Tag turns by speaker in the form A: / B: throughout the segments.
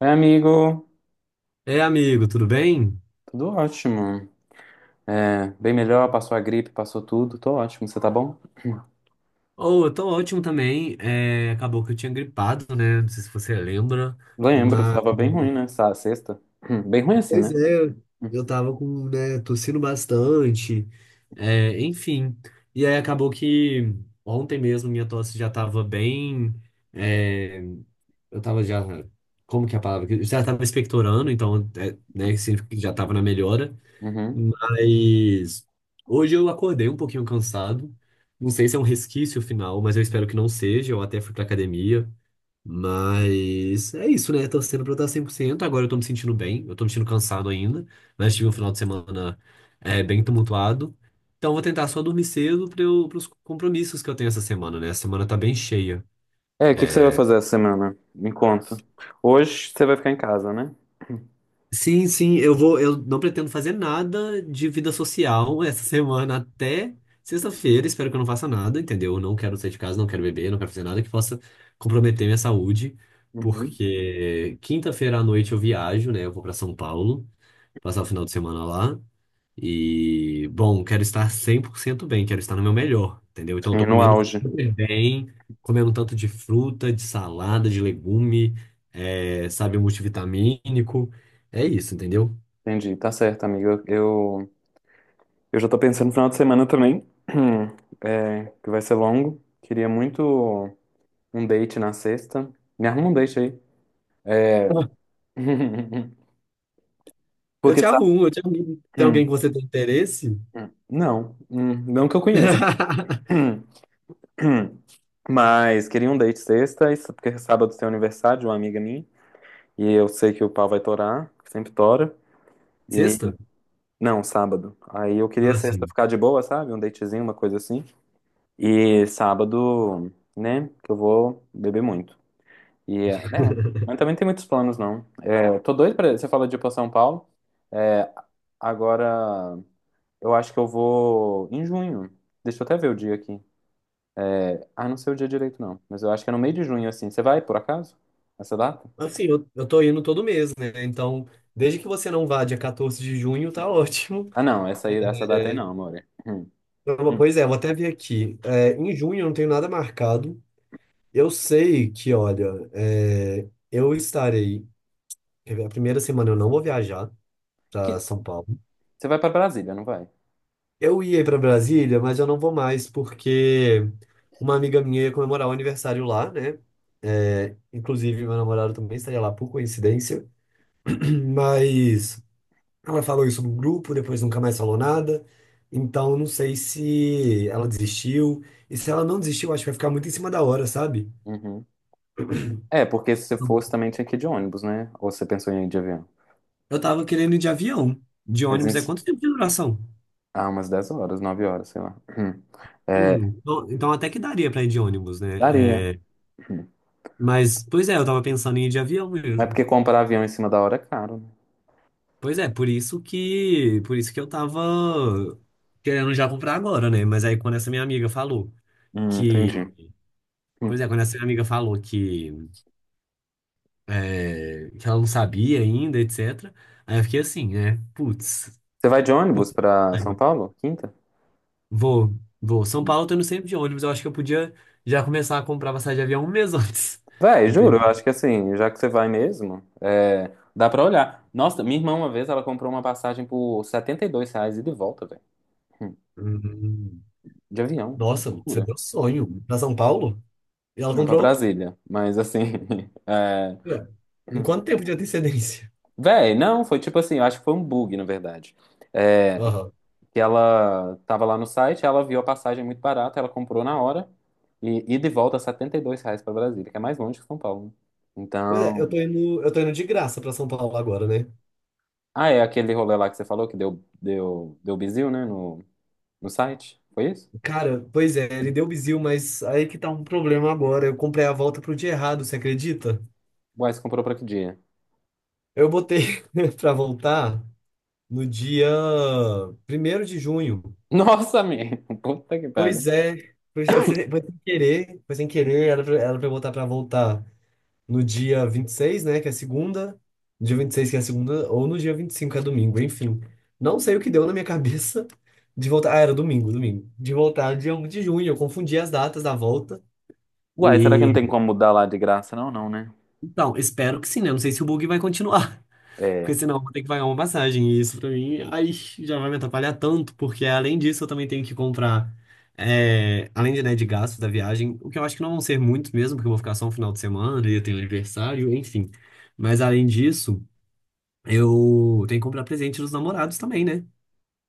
A: Oi, amigo.
B: É amigo, tudo bem?
A: Tudo ótimo. É, bem melhor, passou a gripe, passou tudo. Tô ótimo, você tá bom?
B: Oh, eu tô ótimo também. É, acabou que eu tinha gripado, né? Não sei se você lembra,
A: Lembro,
B: mas.
A: tava bem ruim, né? Essa sexta. Bem ruim assim, né?
B: Pois é, eu tava com, né, tossindo bastante, enfim. E aí acabou que ontem mesmo minha tosse já tava bem. é, eu tava já. Como que é a palavra? Eu já tava expectorando, então, né, significa que já tava na melhora.
A: Uhum.
B: Mas hoje eu acordei um pouquinho cansado. Não sei se é um resquício final, mas eu espero que não seja. Eu até fui pra academia. Mas é isso, né? Torcendo pra eu estar 100%. Agora eu tô me sentindo bem. Eu tô me sentindo cansado ainda. Mas tive um final de semana bem tumultuado. Então eu vou tentar só dormir cedo para os compromissos que eu tenho essa semana, né? A semana tá bem cheia.
A: É, o que que você vai fazer essa semana? Me conta. Hoje você vai ficar em casa, né?
B: Sim, sim, eu vou, eu não pretendo fazer nada de vida social essa semana até sexta-feira. Espero que eu não faça nada, entendeu? Eu não quero sair de casa, não quero beber, não quero fazer nada que possa comprometer minha saúde,
A: Uhum.
B: porque quinta-feira à noite eu viajo, né? Eu vou para São Paulo, passar o final de semana lá. E, bom, quero estar 100% bem, quero estar no meu melhor, entendeu? Então, eu
A: Sim,
B: tô
A: no
B: comendo
A: auge.
B: super bem, comendo um tanto de fruta, de salada, de legume, sabe, multivitamínico. É isso, entendeu?
A: Entendi, tá certo, amigo. Eu já tô pensando no final de semana também, que vai ser longo. Queria muito um date na sexta. Me arruma um date aí.
B: Eu
A: Porque,
B: te
A: sabe?
B: arrumo, eu te arrumo. Tem alguém
A: hum,
B: que você tem interesse?
A: Não, não que eu conheça. Hum, hum. Mas queria um date sexta, isso porque sábado tem aniversário de uma amiga minha, e eu sei que o pau vai torar, que sempre tora. E
B: Sexta?
A: não, sábado. Aí eu queria
B: Fala
A: sexta
B: assim,
A: ficar de boa, sabe? Um datezinho, uma coisa assim. E sábado, né, que eu vou beber muito. E é, né, mas também tem muitos planos, não. É, tô doido pra. Você fala de ir pra São Paulo. É, agora eu acho que eu vou em junho. Deixa eu até ver o dia aqui. Ah, não sei o dia direito, não. Mas eu acho que é no meio de junho, assim. Você vai, por acaso? Essa data?
B: assim, eu tô indo todo mês, né? Então, desde que você não vá dia 14 de junho, tá ótimo.
A: Ah, não. Essa aí,
B: É,
A: essa data aí não, amore. Hum.
B: pois é, vou até ver aqui. É, em junho eu não tenho nada marcado. Eu sei que, olha, eu estarei. A primeira semana eu não vou viajar para
A: Que...
B: São Paulo.
A: Você vai pra Brasília, não vai?
B: Eu ia para Brasília, mas eu não vou mais porque uma amiga minha ia comemorar o aniversário lá, né? É, inclusive, meu namorado também estaria lá por coincidência. Mas ela falou isso no grupo, depois nunca mais falou nada. Então, não sei se ela desistiu. E se ela não desistiu, acho que vai ficar muito em cima da hora, sabe?
A: Uhum. É, porque se você fosse também tinha que ir de ônibus, né? Ou você pensou em ir de avião?
B: Eu tava querendo ir de avião. De
A: Mas em...
B: ônibus é quanto tempo de duração?
A: Ah, umas 10 horas, 9 horas, sei lá. Hum. É,
B: Então até que daria pra ir de ônibus, né?
A: daria. Hum.
B: Mas, pois é, eu tava pensando em ir de avião
A: Mas
B: mesmo.
A: porque comprar avião em cima da hora é caro, né?
B: Pois é, por isso que eu tava querendo já comprar agora, né? Mas aí quando essa minha amiga falou que,
A: Entendi. Hum.
B: pois é, quando essa minha amiga falou que, que ela não sabia ainda, etc. Aí eu fiquei assim, né? Putz,
A: Você vai de
B: pô,
A: ônibus pra São
B: saiba.
A: Paulo? Quinta?
B: Vou, vou. São Paulo eu tô indo sempre de ônibus, eu acho que eu podia já começar a comprar passagem de avião um mês antes.
A: Véi, juro, eu
B: Entendeu?
A: acho que assim, já que você vai mesmo, dá pra olhar. Nossa, minha irmã uma vez ela comprou uma passagem por R$ 72 e de volta, velho. Hum,
B: Uhum.
A: De avião, uma
B: Nossa, você
A: loucura.
B: deu sonho. Pra São Paulo? E ela
A: Não pra
B: comprou?
A: Brasília, mas assim. É...
B: É. Em
A: hum.
B: quanto tempo de antecedência?
A: Véi, não, foi tipo assim, eu acho que foi um bug, na verdade. É,
B: Aham.
A: que ela tava lá no site, ela viu a passagem muito barata, ela comprou na hora e, de volta R$ 72 pra Brasília, que é mais longe que São Paulo, né?
B: Pois é,
A: Então.
B: eu tô indo de graça pra São Paulo agora, né?
A: Ah, é aquele rolê lá que você falou que deu bizil, né? No... No site? Foi isso?
B: Cara, pois é, ele deu bizil, mas aí que tá um problema agora. Eu comprei a volta pro dia errado, você acredita?
A: Uai, você comprou pra que dia?
B: Eu botei pra voltar no dia 1º de junho.
A: Nossa, amigo! Puta que pariu.
B: Pois é, foi, foi sem querer, era pra eu botar pra voltar no dia 26, né, que é segunda, no dia 26 que é segunda, ou no dia 25, que é domingo, enfim. Não sei o que deu na minha cabeça de voltar. Ah, era domingo, domingo. De voltar dia 1º de junho, eu confundi as datas da volta.
A: Uai, será que não
B: E
A: tem como mudar lá de graça? Não, não, né?
B: então, espero que sim, né? Não sei se o bug vai continuar, porque
A: É.
B: senão eu vou ter que pagar uma passagem. E isso pra mim, aí já vai me atrapalhar tanto, porque além disso eu também tenho que comprar, além de, né, de gastos da viagem, o que eu acho que não vão ser muitos mesmo, porque eu vou ficar só um final de semana e eu tenho aniversário, enfim. Mas além disso. Eu tenho que comprar presente dos namorados também, né?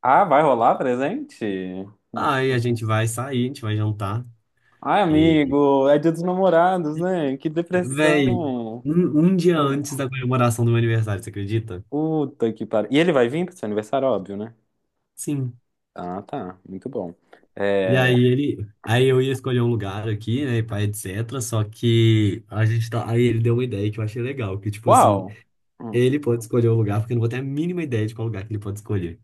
A: Ah, vai rolar presente?
B: Aí a gente vai sair, a gente vai jantar.
A: Ai,
B: E,
A: amigo, é dia dos namorados, né? Que
B: véi,
A: depressão.
B: um dia antes da comemoração do meu aniversário, você acredita?
A: Puta que pariu. E ele vai vir pro seu aniversário, óbvio, né?
B: Sim.
A: Ah, tá. Muito bom.
B: E aí
A: É...
B: ele, aí eu ia escolher um lugar aqui, né, e pá, etc. Só que a gente tá, aí ele deu uma ideia que eu achei legal, que tipo assim,
A: Uau! Hum.
B: ele pode escolher o lugar, porque eu não vou ter a mínima ideia de qual lugar que ele pode escolher.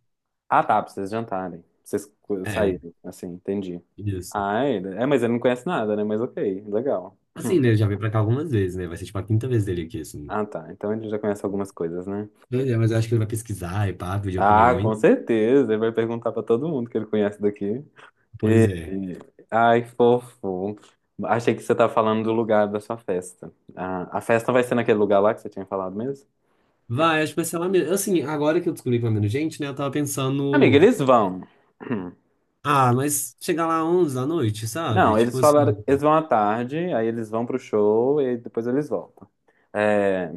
A: Ah, tá, pra vocês jantarem. Pra vocês
B: É,
A: saírem, assim, entendi.
B: isso.
A: Ah, ele... É, mas ele não conhece nada, né? Mas ok, legal.
B: Assim,
A: Hum.
B: né, ele já veio pra cá algumas vezes, né? Vai ser tipo a quinta vez dele aqui, assim.
A: Ah, tá. Então ele já conhece algumas coisas, né?
B: Pois é, mas eu acho que ele vai pesquisar e pá, pedir
A: Ah,
B: opiniões.
A: com certeza. Ele vai perguntar pra todo mundo que ele conhece daqui.
B: Pois
A: E...
B: é.
A: Ai, fofo. Achei que você tá falando do lugar da sua festa. Ah, a festa vai ser naquele lugar lá que você tinha falado mesmo?
B: Vai, acho que vai ser lá mesmo. Assim, agora que eu descobri que vai menos gente, né? Eu tava
A: Amiga,
B: pensando.
A: eles vão.
B: Ah, mas chegar lá 11 da noite, sabe?
A: Não, eles
B: Tipo assim.
A: falaram, eles vão à tarde, aí eles vão pro show e depois eles voltam. É,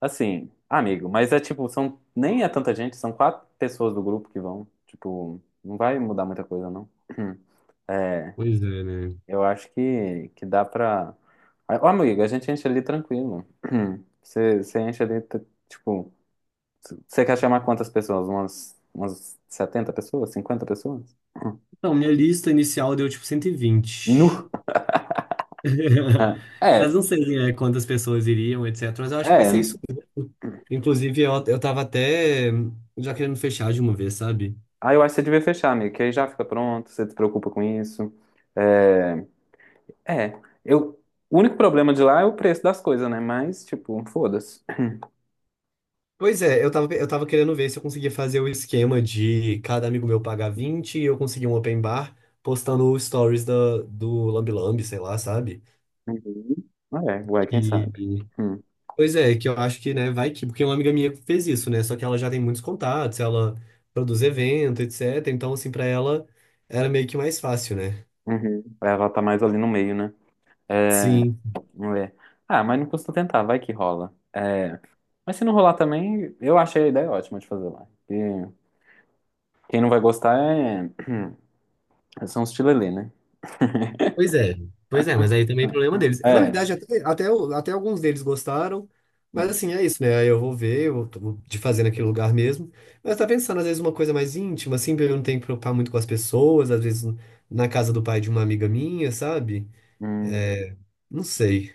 A: assim, amigo, mas é tipo, são, nem é tanta gente, são quatro pessoas do grupo que vão. Tipo, não vai mudar muita coisa, não.
B: Pois é, né?
A: Eu acho que dá pra. Ó, amigo, a gente enche ali tranquilo. Você enche ali, tipo. Você quer chamar quantas pessoas? Umas 70 pessoas? 50 pessoas?
B: Então, minha lista inicial deu tipo 120,
A: Nu! É,
B: mas
A: é.
B: não sei, né, quantas pessoas iriam, etc. Mas eu acho que vai ser
A: É.
B: isso. Inclusive, eu tava até já querendo fechar de uma vez, sabe?
A: Aí eu acho que você devia fechar, amigo, que aí já fica pronto, você se preocupa com isso. É. É. O único problema de lá é o preço das coisas, né? Mas, tipo, foda-se.
B: Pois é, eu tava querendo ver se eu conseguia fazer o esquema de cada amigo meu pagar 20 e eu conseguir um open bar postando stories da, do Lambi Lambi, sei lá, sabe?
A: Uhum. É, ué, quem
B: E,
A: sabe? Hum.
B: pois é, que eu acho que, né, vai que, porque uma amiga minha fez isso, né? Só que ela já tem muitos contatos, ela produz evento, etc. Então, assim, pra ela era meio que mais fácil, né?
A: Uhum. Ela tá mais ali no meio, né? É.
B: Sim.
A: É. Ah, mas não custa tentar, vai que rola. É, mas se não rolar também, eu achei a ideia ótima de fazer lá. E quem não vai gostar é... são os tilelê, né?
B: Pois é. Pois é, mas aí também é problema deles. É, na
A: É.
B: verdade, até alguns deles gostaram, mas assim, é isso, né? Aí eu vou ver, eu tô de fazer naquele lugar mesmo. Mas tá pensando, às vezes, uma coisa mais íntima, assim, pra eu não ter que preocupar muito com as pessoas, às vezes na casa do pai de uma amiga minha, sabe?
A: Hum,
B: É, não sei.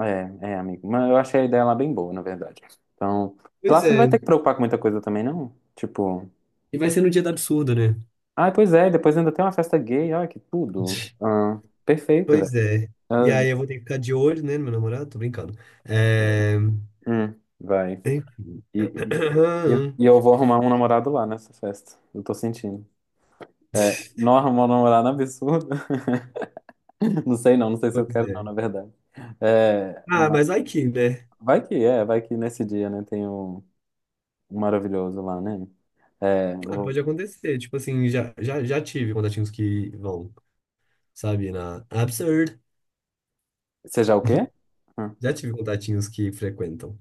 A: é, é, amigo. Mas eu achei a ideia lá bem boa, na verdade. Então, lá
B: Pois
A: você não vai
B: é.
A: ter que preocupar com muita coisa também, não? Tipo,
B: E vai ser no dia do absurdo, né?
A: ah, pois é, depois ainda tem uma festa gay, olha que tudo. Ah, perfeito, velho.
B: Pois é. E aí eu
A: Ah,
B: vou ter que ficar de olho, né, no meu namorado? Tô brincando.
A: é.
B: É...
A: Hum, vai. E, e, e eu vou arrumar um namorado lá nessa festa. Eu tô sentindo. É, nossa, uma na absurda. Não sei não, não sei se eu
B: Pois
A: quero não,
B: é.
A: na verdade. É,
B: Ah,
A: mas
B: mas aí que, né?
A: vai que nesse dia, né, tem o maravilhoso lá, né? É,
B: Ah, pode acontecer. Tipo assim, já tive contatinhos que vão, sabe, na Absurd.
A: seja o quê? Hum.
B: Já tive contatinhos que frequentam.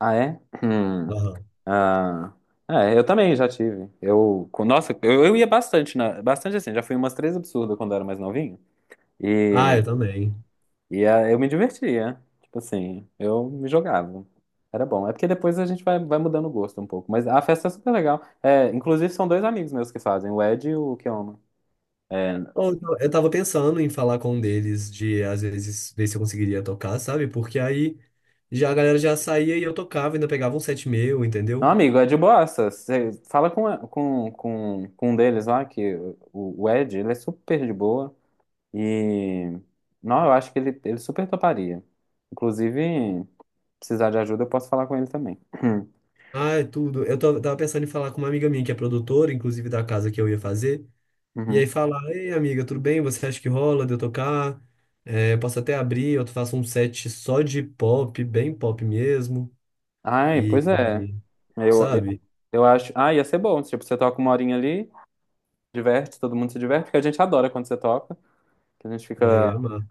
A: Ah, é? Hum.
B: Aham.
A: Ah, é, eu também já tive. Nossa, eu ia bastante, bastante assim, já fui umas três absurdas quando eu era mais novinho.
B: Ah, eu também.
A: Eu me divertia. Tipo assim, eu me jogava. Era bom. É porque depois a gente vai mudando o gosto um pouco. Mas a festa é super legal. É, inclusive, são dois amigos meus que fazem, o Ed e o Keoma. É,
B: Ou então, eu tava pensando em falar com um deles de, às vezes, ver se eu conseguiria tocar, sabe? Porque aí já a galera já saía e eu tocava, ainda pegava um set meu,
A: não,
B: entendeu?
A: amigo, é de boassa. Você fala com um deles lá, que o Ed, ele é super de boa. E, não, eu acho que ele super toparia. Inclusive, precisar de ajuda, eu posso falar com ele também.
B: Ai, tudo. Eu tava pensando em falar com uma amiga minha que é produtora, inclusive da casa que eu ia fazer. E aí
A: Uhum.
B: falar, ei, amiga, tudo bem? Você acha que rola de eu tocar? É, posso até abrir, eu faço um set só de pop, bem pop mesmo.
A: Ai,
B: E,
A: pois é.
B: e,
A: Eu, eu,
B: sabe?
A: eu acho. Ah, ia ser bom. Tipo, você toca uma horinha ali, diverte, todo mundo se diverte, porque a gente adora quando você toca. Que a gente
B: Ah, eu
A: fica.
B: ia amar.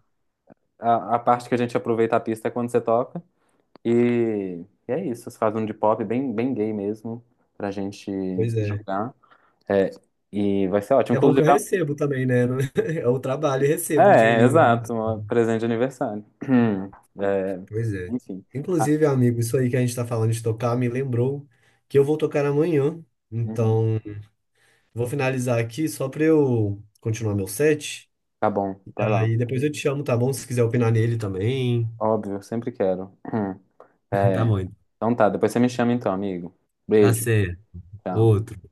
A: A parte que a gente aproveita a pista é quando você toca. E, e é isso. Você faz um de pop bem, bem gay mesmo, pra gente
B: Pois
A: se
B: é.
A: jogar. É, e vai ser ótimo.
B: É bom
A: Inclusive,
B: que eu recebo também, né? Eu trabalho e recebo um
A: é,
B: dinheirinho. Mas-
A: exato. Um presente de aniversário. É,
B: Pois é.
A: enfim. Ah,
B: Inclusive, amigo, isso aí que a gente tá falando de tocar me lembrou que eu vou tocar amanhã.
A: uhum.
B: Então. Vou finalizar aqui só para eu continuar meu set.
A: Tá bom, vai lá.
B: Aí depois eu te chamo, tá bom? Se quiser opinar nele também.
A: Óbvio, sempre quero.
B: Tá
A: É.
B: bom,
A: Então tá, depois você me chama então, amigo.
B: tá
A: Beijo.
B: certo.
A: Tchau.
B: Outro.